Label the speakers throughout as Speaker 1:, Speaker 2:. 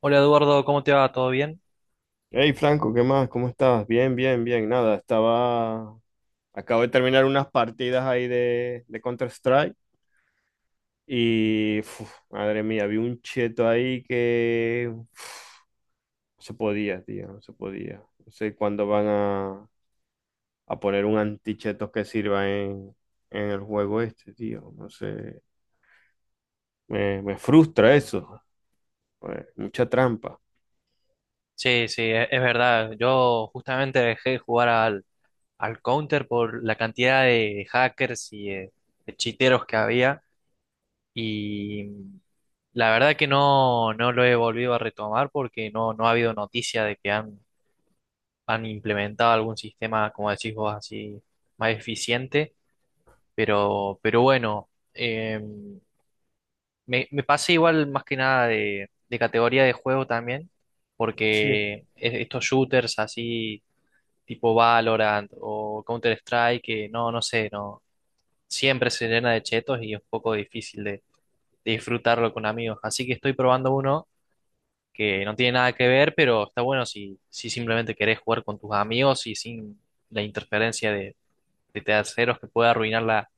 Speaker 1: Hola Eduardo, ¿cómo te va? ¿Todo bien?
Speaker 2: Hey Franco, ¿qué más? ¿Cómo estás? Bien, bien, bien. Nada, estaba. Acabo de terminar unas partidas ahí de Counter-Strike y, madre mía, vi un cheto ahí que, no se podía, tío, no se podía. No sé cuándo van a poner un anticheto que sirva en el juego este, tío. No sé. Me frustra eso. Pues, mucha trampa.
Speaker 1: Sí, sí, es verdad. Yo justamente dejé de jugar al Counter por la cantidad de hackers y de chiteros que había. Y la verdad que no, no lo he volvido a retomar porque no, no ha habido noticia de que han implementado algún sistema, como decís vos, así más eficiente, pero bueno, me pasé igual más que nada de categoría de juego también,
Speaker 2: Sí.
Speaker 1: porque estos shooters así tipo Valorant o Counter-Strike, que no, no sé, no, siempre se llena de chetos y es un poco difícil de disfrutarlo con amigos, así que estoy probando uno que no tiene nada que ver, pero está bueno si, si simplemente querés jugar con tus amigos y sin la interferencia de terceros que puede arruinar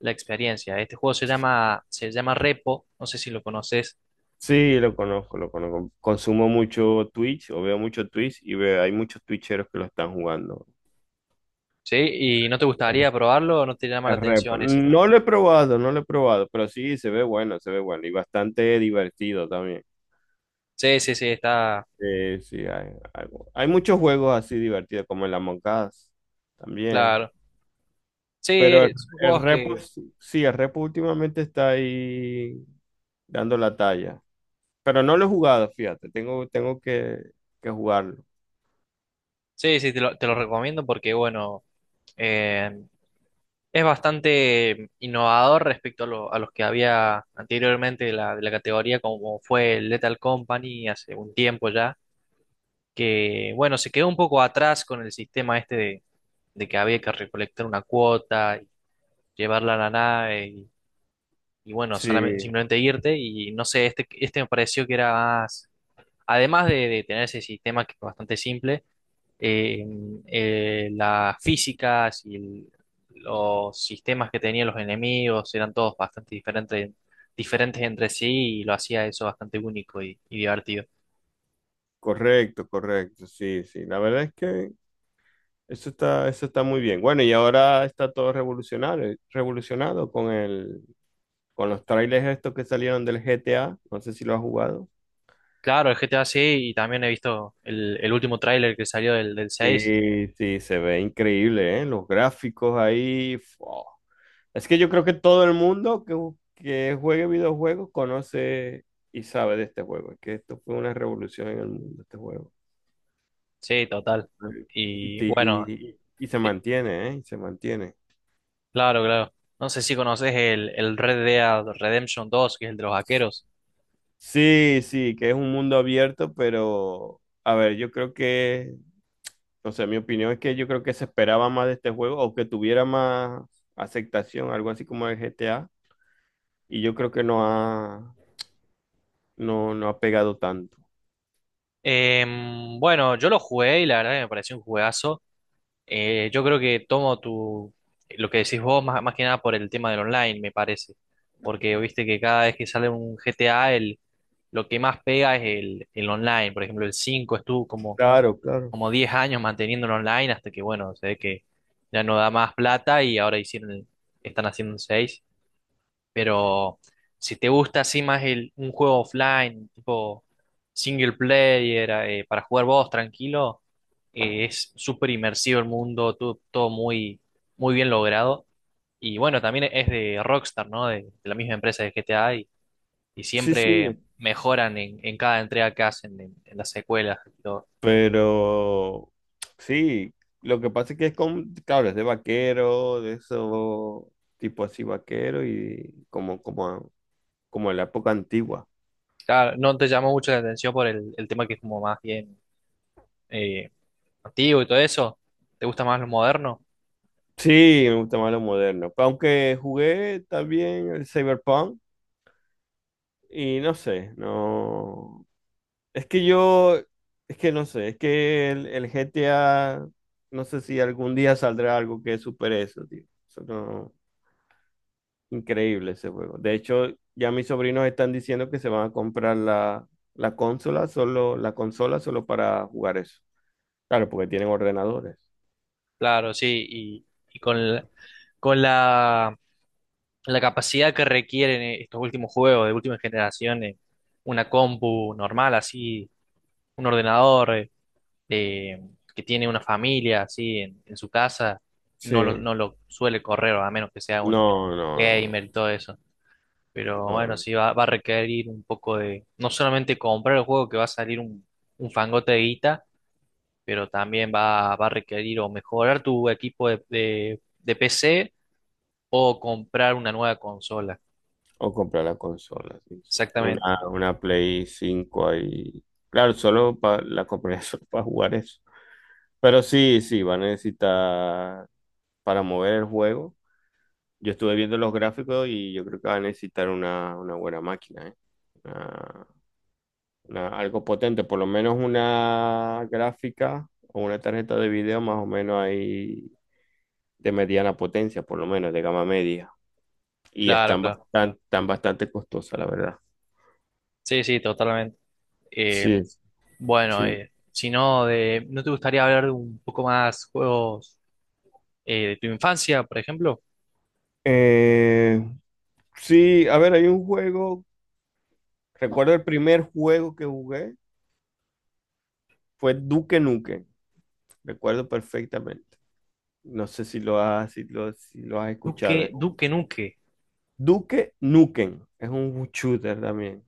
Speaker 1: la experiencia. Este juego se llama Repo, no sé si lo conoces.
Speaker 2: Sí, lo conozco, lo conozco. Consumo mucho Twitch o veo mucho Twitch y hay muchos Twitcheros que lo están jugando.
Speaker 1: ¿Sí? ¿Y no te
Speaker 2: Ok.
Speaker 1: gustaría probarlo o no te llama la
Speaker 2: Es repo.
Speaker 1: atención ese? ¿Este?
Speaker 2: No lo he probado, no lo he probado, pero sí se ve bueno y bastante divertido también.
Speaker 1: Sí, sí, sí, está
Speaker 2: Sí, sí, hay muchos juegos así divertidos como el Among Us también.
Speaker 1: claro. Sí,
Speaker 2: Pero el,
Speaker 1: son
Speaker 2: el
Speaker 1: juegos
Speaker 2: repo,
Speaker 1: que...
Speaker 2: sí, el repo últimamente está ahí dando la talla. Pero no lo he jugado, fíjate, tengo que jugarlo.
Speaker 1: Sí, sí, te lo recomiendo porque, bueno, eh, es bastante innovador respecto a, a los que había anteriormente de de la categoría, como fue el Lethal Company hace un tiempo ya, que bueno, se quedó un poco atrás con el sistema este de que había que recolectar una cuota, y llevarla a la nave y bueno, solamente,
Speaker 2: Sí,
Speaker 1: simplemente irte y no sé, este me pareció que era más, además de tener ese sistema que es bastante simple, eh, las físicas y los sistemas que tenían los enemigos eran todos bastante diferentes, diferentes entre sí y lo hacía eso bastante único y divertido.
Speaker 2: correcto, correcto, sí, sí. La verdad es que eso está muy bien. Bueno, y ahora está todo revolucionado con con los trailers estos que salieron del GTA. No sé si lo has jugado.
Speaker 1: Claro, el GTA sí, y también he visto el último tráiler que salió del, del 6.
Speaker 2: Sí, sí, se ve increíble, ¿eh? Los gráficos ahí. Fua. Es que yo creo que todo el mundo que juegue videojuegos conoce y sabe de este juego. Es que esto fue una revolución en el mundo, este juego.
Speaker 1: Sí, total.
Speaker 2: Y,
Speaker 1: Y
Speaker 2: te-
Speaker 1: bueno,
Speaker 2: y- y se mantiene, ¿eh? Y se mantiene.
Speaker 1: claro, claro. No sé si conoces el Red Dead Redemption 2, que es el de los vaqueros.
Speaker 2: Sí, sí, que es un mundo abierto, pero a ver, yo creo que, no sé, mi opinión es que yo creo que se esperaba más de este juego o que tuviera más aceptación, algo así como el GTA, y yo creo que no ha pegado tanto.
Speaker 1: Em, bueno, yo lo jugué y la verdad que me pareció un juegazo. Yo creo que tomo tu, lo que decís vos más, más que nada por el tema del online, me parece. Porque viste que cada vez que sale un GTA, el, lo que más pega es el online. Por ejemplo, el 5 estuvo como,
Speaker 2: Claro, claro.
Speaker 1: como 10 años manteniendo el online hasta que, bueno, se ve que ya no da más plata y ahora hicieron, están haciendo un 6. Pero si te gusta así más el, un juego offline, tipo single player, para jugar vos tranquilo, es súper inmersivo el mundo, todo, todo muy, muy bien logrado. Y bueno, también es de Rockstar, ¿no? De la misma empresa de GTA y
Speaker 2: Sí, sí.
Speaker 1: siempre mejoran en cada entrega que hacen, en las secuelas y todo.
Speaker 2: Pero sí, lo que pasa es que claro, es de vaquero, de eso, tipo así vaquero y como en la época antigua.
Speaker 1: Claro, no te llamó mucho la atención por el tema que es como más bien eh, antiguo y todo eso. ¿Te gusta más lo moderno?
Speaker 2: Sí, me gusta más lo moderno. Aunque jugué también el Cyberpunk y no sé, no. Es que yo, es que no sé, es que el GTA, no sé si algún día saldrá algo que supere eso, tío. Eso no- Increíble ese juego. De hecho, ya mis sobrinos están diciendo que se van a comprar la consola solo, la consola solo para jugar eso. Claro, porque tienen ordenadores.
Speaker 1: Claro, sí. Y con, con la capacidad que requieren estos últimos juegos de última generación, una compu normal, así, un ordenador eh, que tiene una familia así en su casa,
Speaker 2: Sí.
Speaker 1: no lo, no lo suele correr, a menos que sea un
Speaker 2: No, no, no,
Speaker 1: gamer y todo eso. Pero
Speaker 2: no,
Speaker 1: bueno,
Speaker 2: no.
Speaker 1: sí va, va a requerir un poco de, no solamente comprar el juego que va a salir un fangote de guita, pero también va, va a requerir o mejorar tu equipo de de PC o comprar una nueva consola.
Speaker 2: O comprar la consola, sí, sí.
Speaker 1: Exactamente,
Speaker 2: Una Play 5 ahí. Claro, la compraría solo para jugar eso. Pero sí, sí, va a necesitar para mover el juego. Yo estuve viendo los gráficos y yo creo que va a necesitar una buena máquina, ¿eh? Una- algo potente, por lo menos una gráfica o una tarjeta de video más o menos ahí de mediana potencia, por lo menos de gama media. Y
Speaker 1: claro,
Speaker 2: están
Speaker 1: claro.
Speaker 2: bastante costosas, la verdad.
Speaker 1: Sí, sí, totalmente. Eh,
Speaker 2: Sí,
Speaker 1: bueno,
Speaker 2: sí.
Speaker 1: si no, de, ¿no te gustaría hablar de un poco más juegos de tu infancia, por ejemplo?
Speaker 2: Eh, sí, a ver, hay un juego, recuerdo el primer juego que jugué fue Duque Nukem, recuerdo perfectamente. No sé si lo has
Speaker 1: Duque,
Speaker 2: escuchado.
Speaker 1: Duque Nuque.
Speaker 2: Duque Nukem, es un shooter también.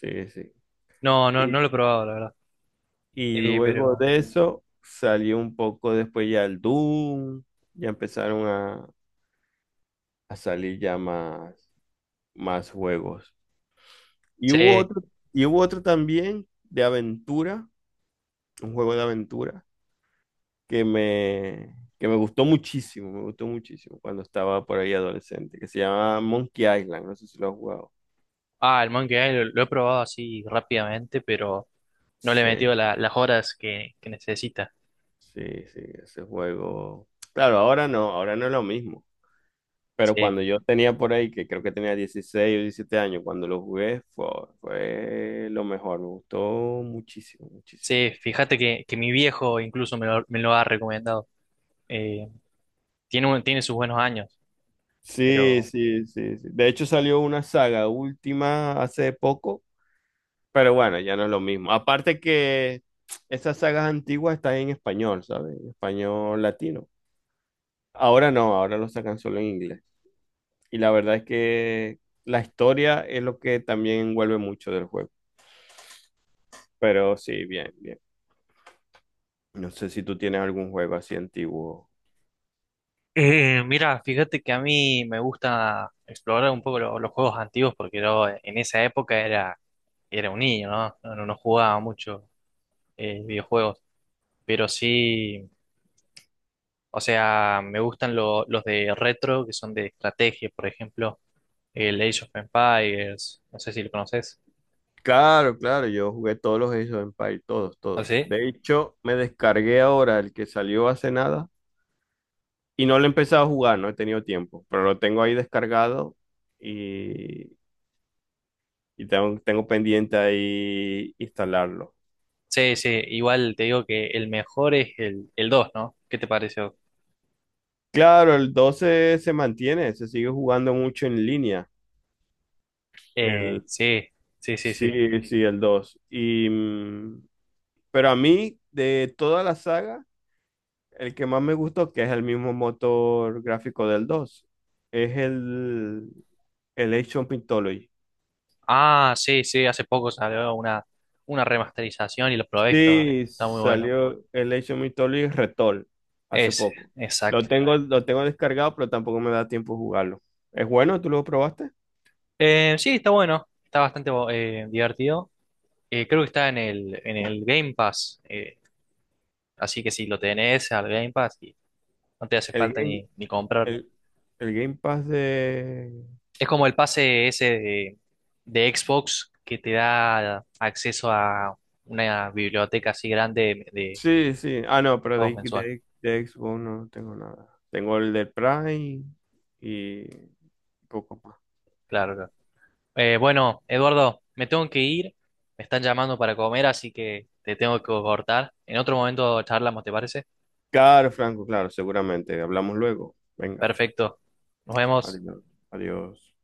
Speaker 2: Sí, sí.
Speaker 1: No, no,
Speaker 2: Y,
Speaker 1: no lo he probado, la verdad.
Speaker 2: y luego
Speaker 1: Pero
Speaker 2: de eso salió un poco después ya el Doom, ya empezaron a salir ya más juegos. Y hubo
Speaker 1: sí.
Speaker 2: otro, y hubo otro también de aventura, un juego de aventura que me gustó muchísimo, me gustó muchísimo cuando estaba por ahí adolescente, que se llama Monkey Island, no sé si lo has jugado.
Speaker 1: Ah, el Monkey Island lo he probado así rápidamente, pero no le he metido
Speaker 2: Sí,
Speaker 1: las horas que necesita.
Speaker 2: sí, sí, ese juego. Claro, ahora no es lo mismo. Pero
Speaker 1: Sí,
Speaker 2: cuando yo tenía por ahí, que creo que tenía 16 o 17 años, cuando lo jugué, fue lo mejor, me gustó muchísimo, muchísimo.
Speaker 1: sí, fíjate que mi viejo incluso me lo ha recomendado. Eh, tiene, tiene sus buenos años.
Speaker 2: Sí,
Speaker 1: Pero
Speaker 2: sí, sí, sí. De hecho salió una saga última hace poco. Pero bueno, ya no es lo mismo. Aparte que esas sagas antiguas están en español, ¿sabes? En español latino. Ahora no, ahora lo sacan solo en inglés. Y la verdad es que la historia es lo que también envuelve mucho del juego. Pero sí, bien, bien. No sé si tú tienes algún juego así antiguo.
Speaker 1: mira, fíjate que a mí me gusta explorar un poco los juegos antiguos porque yo en esa época era, era un niño, ¿no? No, no jugaba mucho videojuegos, pero sí, o sea, me gustan los de retro que son de estrategia, por ejemplo, el Age of Empires, no sé si lo conoces.
Speaker 2: Claro, claro, yo jugué todos los Age of Empires, todos,
Speaker 1: ¿Ah,
Speaker 2: todos.
Speaker 1: sí?
Speaker 2: De hecho, me descargué ahora el que salió hace nada y no lo he empezado a jugar, no he tenido tiempo, pero lo tengo ahí descargado. Y Y tengo pendiente ahí instalarlo.
Speaker 1: Sí, sí, igual te digo que el mejor es el 2, ¿no? ¿Qué te pareció?
Speaker 2: Claro, el 12 se mantiene, se sigue jugando mucho en línea. El,
Speaker 1: Sí, sí, sí, sí.
Speaker 2: sí, sí, el dos. Pero a mí, de toda la saga, el que más me gustó, que es el mismo motor gráfico del 2 es el Age of Mythology.
Speaker 1: Ah, sí, sí, hace poco salió una remasterización y lo probé, está,
Speaker 2: Sí,
Speaker 1: está muy bueno.
Speaker 2: salió el Age of Mythology Retool hace
Speaker 1: Ese,
Speaker 2: poco. Lo
Speaker 1: exacto.
Speaker 2: tengo, lo tengo descargado, pero tampoco me da tiempo de jugarlo. ¿Es bueno? ¿Tú lo probaste?
Speaker 1: Sí, está bueno, está bastante divertido. Creo que está en el Game Pass, así que si lo tenés al Game Pass, y no te hace
Speaker 2: El
Speaker 1: falta
Speaker 2: Game,
Speaker 1: ni, ni comprarlo.
Speaker 2: el, el Game Pass de.
Speaker 1: Es como el pase ese de Xbox que te da acceso a una biblioteca así grande de
Speaker 2: Sí, sí. Ah, no, pero
Speaker 1: juegos
Speaker 2: de,
Speaker 1: mensuales.
Speaker 2: de, de Xbox no tengo nada. Tengo el del Prime y poco más.
Speaker 1: Claro, claro. Bueno, Eduardo, me tengo que ir, me están llamando para comer, así que te tengo que cortar. En otro momento charlamos, ¿te parece?
Speaker 2: Claro, Franco, claro, seguramente. Hablamos luego. Venga,
Speaker 1: Perfecto. Nos vemos.
Speaker 2: adiós. Adiós.